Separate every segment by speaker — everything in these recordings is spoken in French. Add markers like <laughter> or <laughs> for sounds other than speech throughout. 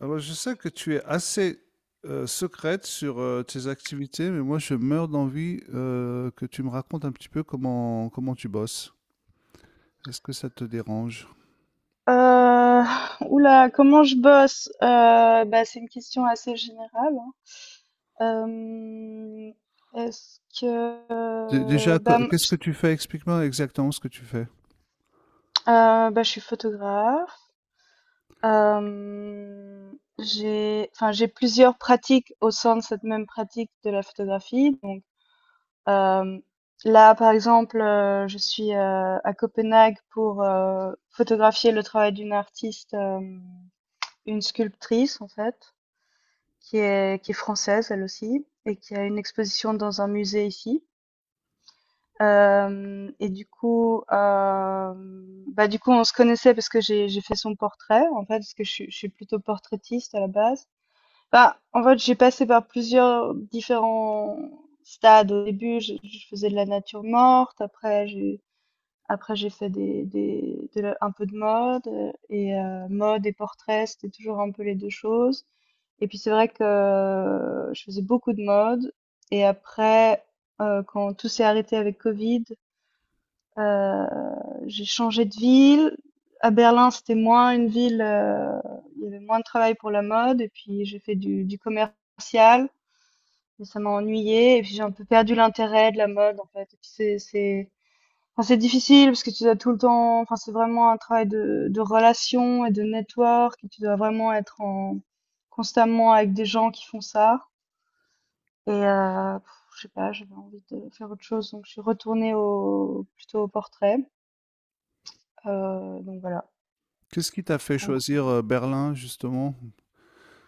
Speaker 1: Alors, je sais que tu es assez secrète sur tes activités, mais moi, je meurs d'envie que tu me racontes un petit peu comment tu bosses. Est-ce que ça te dérange?
Speaker 2: Heu, ouh comment je bosse? C'est une question assez générale, hein. Hem, est-ce que,
Speaker 1: Déjà, ben,
Speaker 2: bah, mmh,
Speaker 1: qu'est-ce
Speaker 2: j
Speaker 1: que tu fais? Explique-moi exactement ce que tu fais.
Speaker 2: bah, Je suis photographe. J'ai plusieurs pratiques au sein de cette même pratique de la photographie. Donc, euh, là, par exemple, je suis, à Copenhague pour, photographier le travail d'une artiste, une sculptrice, en fait. Qui est française elle aussi et qui a une exposition dans un musée ici. Et du coup, bah du coup, on se connaissait parce que j'ai fait son portrait en fait, parce que je suis plutôt portraitiste à la base. Bah, en fait, j'ai passé par plusieurs différents stades. Au début, je faisais de la nature morte. Après, j'ai fait un peu de mode et mode et portrait, c'était toujours un peu les deux choses. Et puis c'est vrai que je faisais beaucoup de mode. Et après, quand tout s'est arrêté avec Covid, euh, j'ai changé de ville. À Berlin, c'était moins une ville, il y avait moins de travail pour la mode. Et puis j'ai fait du commercial, mais ça m'a ennuyé. Et puis j'ai un peu perdu l'intérêt de la mode, en fait. Et puis enfin, c'est difficile parce que tu dois tout le temps, enfin, c'est vraiment un travail de relation et de network et tu dois vraiment être en, constamment avec des gens qui font ça. Et, je sais pas, j'avais envie de faire autre chose, donc je suis plutôt au portrait. Donc voilà.
Speaker 1: Qu'est-ce qui t'a fait
Speaker 2: En gros.
Speaker 1: choisir Berlin, justement?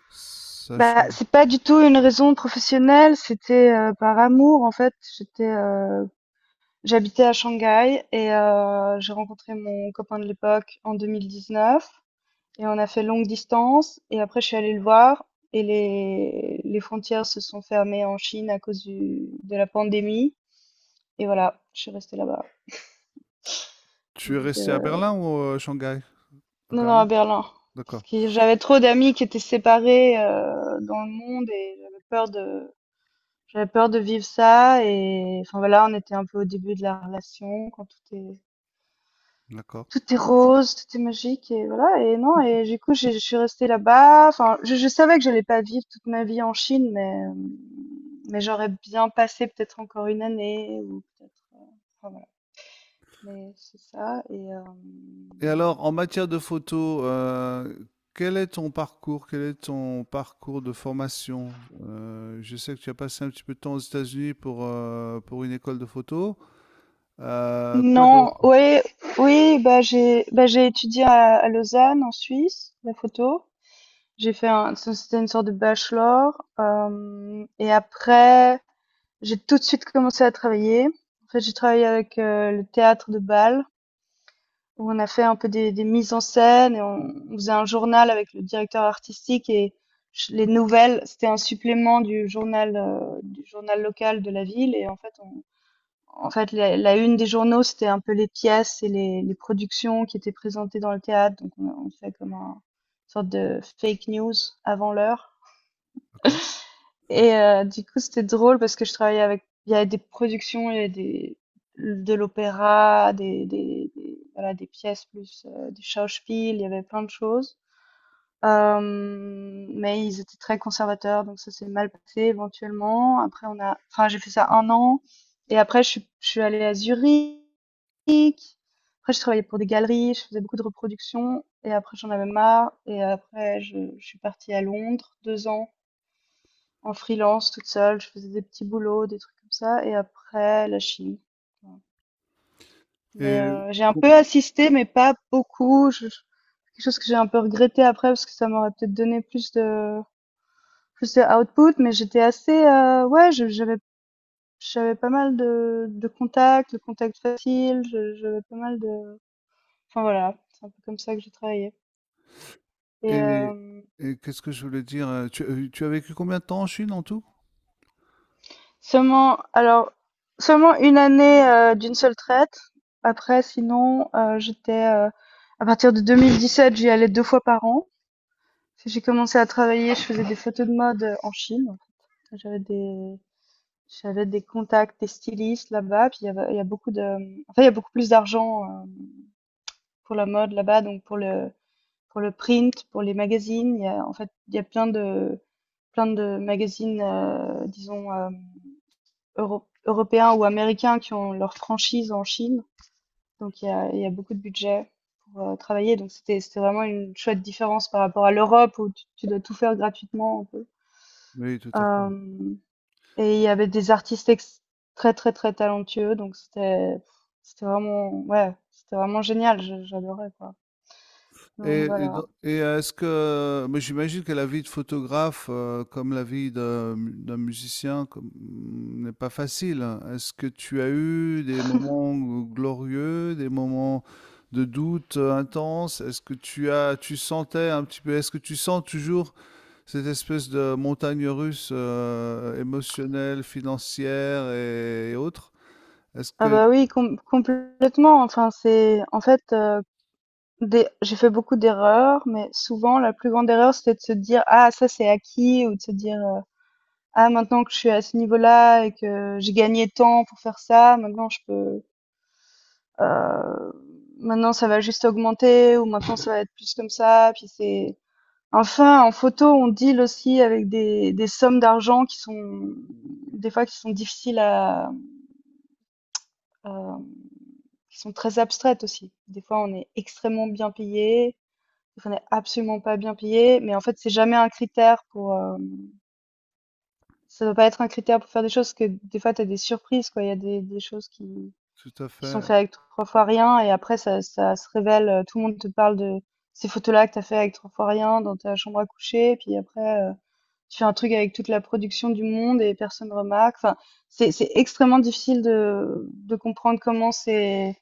Speaker 1: Sach-
Speaker 2: Bah, c'est pas du tout une raison professionnelle, c'était par amour en fait. J'étais, j'habitais à Shanghai et j'ai rencontré mon copain de l'époque en 2019. Et on a fait longue distance. Et après, je suis allée le voir. Et les frontières se sont fermées en Chine à cause de la pandémie. Et voilà, je suis restée là-bas.
Speaker 1: Tu es
Speaker 2: Donc,
Speaker 1: resté à
Speaker 2: euh,
Speaker 1: Berlin ou Shanghai? À
Speaker 2: non, non, à
Speaker 1: Berlin?
Speaker 2: Berlin. Parce
Speaker 1: D'accord,
Speaker 2: que j'avais trop d'amis qui étaient séparés dans le monde et j'avais peur de vivre ça. Et enfin voilà, on était un peu au début de la relation quand tout est
Speaker 1: d'accord.
Speaker 2: tout est rose, tout est magique et voilà et non et du coup je suis restée là-bas. Enfin, je savais que j'allais pas vivre toute ma vie en Chine, mais j'aurais bien passé peut-être encore une année ou peut-être. Enfin, voilà. Mais c'est ça et
Speaker 1: Et alors, en matière de photo, quel est ton parcours? Quel est ton parcours de formation? Je sais que tu as passé un petit peu de temps aux États-Unis pour une école de photo. Quoi d'autre?
Speaker 2: non, oui. Oui, bah j'ai étudié à Lausanne en Suisse la photo. J'ai fait un, c'était une sorte de bachelor et après. J'ai tout de suite commencé à travailler. En fait, j'ai travaillé avec le théâtre de Bâle, où on a fait un peu des mises en scène et on faisait un journal avec le directeur artistique et les nouvelles, c'était un supplément du journal local de la ville. Et en fait, la une des journaux, c'était un peu les pièces et les productions qui étaient présentées dans le théâtre. Donc, on fait comme un une sorte de fake news avant l'heure.
Speaker 1: D'accord. Mmh.
Speaker 2: Et du coup, c'était drôle parce que je travaillais avec il y avait des productions, il y avait des de l'opéra, des voilà, des pièces plus, du Schauspiel, il y avait plein de choses. Mais ils étaient très conservateurs, donc ça s'est mal passé éventuellement. Après on a enfin, j'ai fait ça un an et après je suis allée à Zurich. Après, je travaillais pour des galeries, je faisais beaucoup de reproductions et après j'en avais marre et après je suis partie à Londres 2 ans. En freelance, toute seule, je faisais des petits boulots, des trucs comme ça, et après la chimie. Voilà. Mais
Speaker 1: Et
Speaker 2: j'ai un
Speaker 1: co
Speaker 2: peu assisté, mais pas beaucoup. Quelque chose que j'ai un peu regretté après parce que ça m'aurait peut-être donné plus de output, mais j'étais assez j'avais pas mal de contacts, j'avais pas mal de enfin voilà, c'est un peu comme ça que j'ai travaillé. Et
Speaker 1: et et qu'est-ce que je voulais dire? Tu as tu as vécu combien de temps en Chine en tout?
Speaker 2: seulement, alors, seulement une année d'une seule traite. Après, sinon, j'étais, à partir de 2017, j'y allais deux fois par an. Parce que j'ai commencé à travailler, je faisais des photos de mode en Chine. En fait. J'avais des contacts, des stylistes là-bas. Puis il y a beaucoup de, enfin, il y a beaucoup plus d'argent pour la mode là-bas, donc pour le print, pour les magazines. Il y a plein de magazines, disons. Euro européens ou américains qui ont leur franchise en Chine. Donc il y a beaucoup de budget pour travailler. Donc c'était vraiment une chouette différence par rapport à l'Europe où tu dois tout faire gratuitement un peu.
Speaker 1: Oui, tout à fait.
Speaker 2: Euh, et il y avait des très très très talentueux Donc c'était vraiment ouais c'était vraiment génial. J'adorais quoi.
Speaker 1: Mmh.
Speaker 2: Donc
Speaker 1: Et Mm. et
Speaker 2: voilà.
Speaker 1: don et est-ce que, mais j'imagine que la vie de photographe, comme la vie d'un musicien, n'est pas facile, hein. Est-ce que tu as eu des moments glorieux, des moments de doute, intenses? Est-ce que tu sentais un petit peu, est-ce que tu sens toujours cette espèce de montagne russe, émotionnelle, financière et autres? Est-ce que
Speaker 2: Ah
Speaker 1: Mmh.
Speaker 2: bah oui, complètement. Enfin c'est en fait Des j'ai fait beaucoup d'erreurs, mais souvent la plus grande erreur, c'était de se dire: «Ah ça c'est acquis» ou de se dire, «Ah maintenant que je suis à ce niveau-là et que j'ai gagné tant pour faire ça, maintenant je peux, heu, maintenant ça va juste augmenter» ou «Maintenant ça va être plus comme ça» puis c'est enfin en photo, on deal aussi avec des sommes d'argent qui sont des fois qui sont difficiles à, hem, qui sont très abstraites aussi. Des fois, on est extrêmement bien payé. Donc, on n'est absolument pas bien payé, mais en fait, c'est jamais un critère pour. Ça doit pas être un critère pour faire des choses, parce que des fois, tu as des surprises, quoi. Il y a des choses
Speaker 1: Tout à
Speaker 2: qui sont
Speaker 1: fait.
Speaker 2: faites avec trois fois rien, et après, ça se révèle. Tout le monde te parle de ces photos-là que tu as fait avec trois fois rien dans ta chambre à coucher, et puis après, tu fais un truc avec toute la production du monde et personne remarque. Enfin, c'est extrêmement difficile de comprendre comment c'est.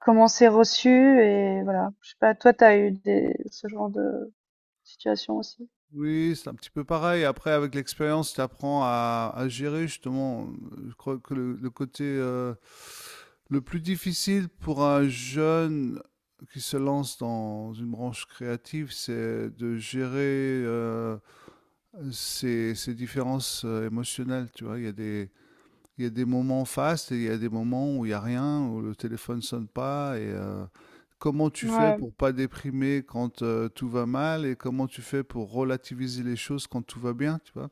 Speaker 2: Comment c'est reçu et voilà. Je sais pas, toi, t'as eu des, ce genre de situation aussi?
Speaker 1: Oui, c'est un petit peu pareil. Après, avec l'expérience, tu apprends à gérer justement. Je crois que le côté le plus difficile pour un jeune qui se lance dans une branche créative, c'est de gérer ses, ses différences émotionnelles. Tu vois, il y a des, il y a des moments fastes et il y a des moments où il n'y a rien, où le téléphone sonne pas. Et comment tu fais
Speaker 2: Ouais,
Speaker 1: pour pas déprimer quand tout va mal et comment tu fais pour relativiser les choses quand tout va bien, tu vois?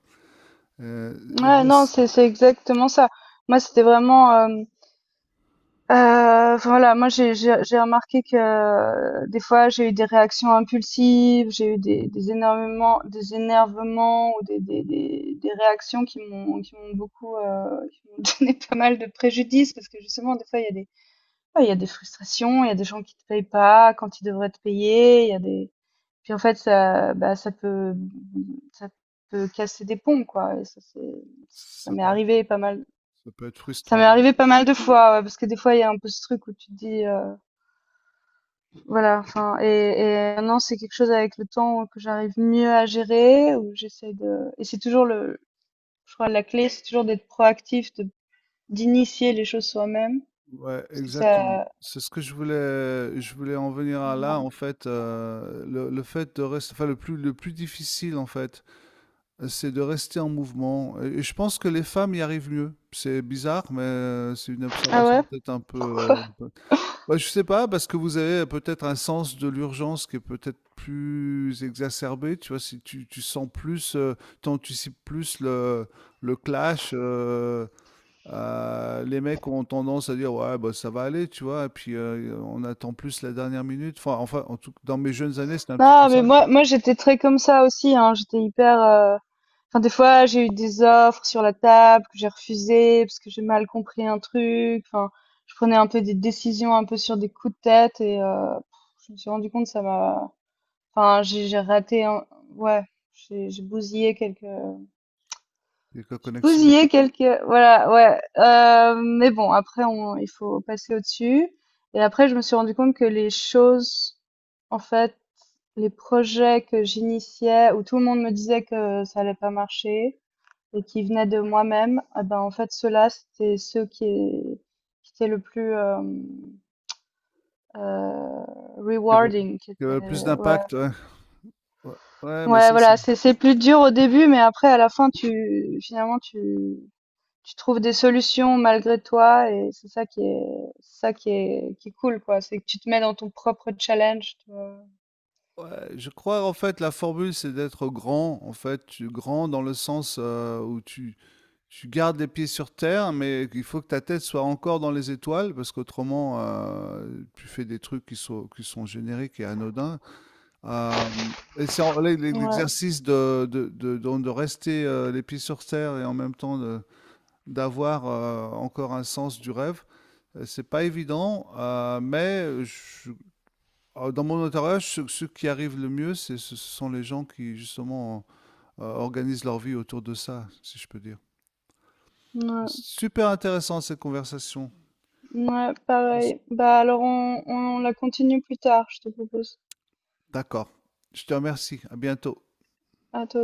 Speaker 1: Euh,
Speaker 2: ouais, non,
Speaker 1: L'exercice,
Speaker 2: c'est exactement ça. Moi, c'était vraiment, voilà, moi j'ai remarqué que des fois j'ai eu des réactions impulsives, j'ai eu des énormément des énervements ou des réactions qui m'ont beaucoup qui m'ont <laughs> donné pas mal de préjudice parce que justement des fois il y a des. Ouais, il y a des frustrations, il y a des gens qui te payent pas quand ils devraient te payer, il y a des puis en fait ça ça peut casser des ponts quoi et ça c'est ça
Speaker 1: ça
Speaker 2: m'est
Speaker 1: peut être,
Speaker 2: arrivé pas mal.
Speaker 1: ça peut être
Speaker 2: Ça m'est
Speaker 1: frustrant.
Speaker 2: arrivé pas mal de fois ouais, parce que des fois il y a un peu ce truc où tu te dis voilà enfin et maintenant c'est quelque chose avec le temps que j'arrive mieux à gérer où j'essaie de et c'est toujours le je crois la clé c'est toujours d'être proactif de d'initier les choses soi-même
Speaker 1: Ouais,
Speaker 2: parce que
Speaker 1: exactement.
Speaker 2: ça
Speaker 1: C'est ce que je voulais en venir à là, en fait, le fait de rester, enfin, le plus difficile, en fait, c'est de rester en mouvement. Et je pense que les femmes y arrivent mieux. C'est bizarre, mais c'est une
Speaker 2: ah
Speaker 1: observation
Speaker 2: ouais
Speaker 1: peut-être un peu,
Speaker 2: pourquoi.
Speaker 1: un peu- Ouais, je sais pas, parce que vous avez peut-être un sens de l'urgence qui est peut-être plus exacerbé. Tu vois, si tu sens plus, t'anticipes plus le clash. Les mecs ont tendance à dire ouais, bah, ça va aller, tu vois. Et puis on attend plus la dernière minute. Enfin, enfin, en tout, dans mes jeunes années, c'était un petit peu
Speaker 2: Non, mais
Speaker 1: ça.
Speaker 2: moi j'étais très comme ça aussi, hein. J'étais hyper. Enfin, des fois, j'ai eu des offres sur la table que j'ai refusées parce que j'ai mal compris un truc. Enfin, je prenais un peu des décisions un peu sur des coups de tête et je me suis rendu compte que ça m'a. Enfin, j'ai raté. Ouais, j'ai bousillé quelques
Speaker 1: Il y a que la
Speaker 2: je
Speaker 1: connexion.
Speaker 2: bousillais quelques voilà, ouais, mais bon, après on il faut passer au-dessus et après je me suis rendu compte que les choses en fait, les projets que j'initiais où tout le monde me disait que ça allait pas marcher et qui venaient de moi-même, ah ben, en fait ceux-là, c'était ceux qui étaient le plus, heu,
Speaker 1: Il y avait
Speaker 2: rewarding qui
Speaker 1: il y avait plus
Speaker 2: étaient. Ouais,
Speaker 1: d'impact, ouais. Ouais, ouais, mais
Speaker 2: ouais,
Speaker 1: ça, c'est
Speaker 2: voilà, c'est plus dur au début mais après à la fin tu finalement tu tu trouves des solutions malgré toi et c'est ça qui est cool quoi, c'est que tu te mets dans ton propre challenge, tu vois.
Speaker 1: ouais, je crois, en fait, la formule, c'est d'être grand. En fait, tu grand dans le sens où tu gardes les pieds sur terre, mais il faut que ta tête soit encore dans les étoiles, parce qu'autrement, tu fais des trucs qui sont génériques et anodins. Euh, et c'est en-
Speaker 2: Ouais,
Speaker 1: l'exercice de, de rester les pieds sur terre et en même temps de- d'avoir encore un sens du rêve. C'est pas évident, mais je dans mon entourage, ceux, ceux qui arrivent le mieux, c'est- ce sont les gens qui justement organisent leur vie autour de ça, si je peux dire.
Speaker 2: ouais,
Speaker 1: Super intéressant cette conversation.
Speaker 2: ouais, pareil. Bah alors on la continue plus tard, je te propose.
Speaker 1: D'accord. Je te remercie. À bientôt.
Speaker 2: À toi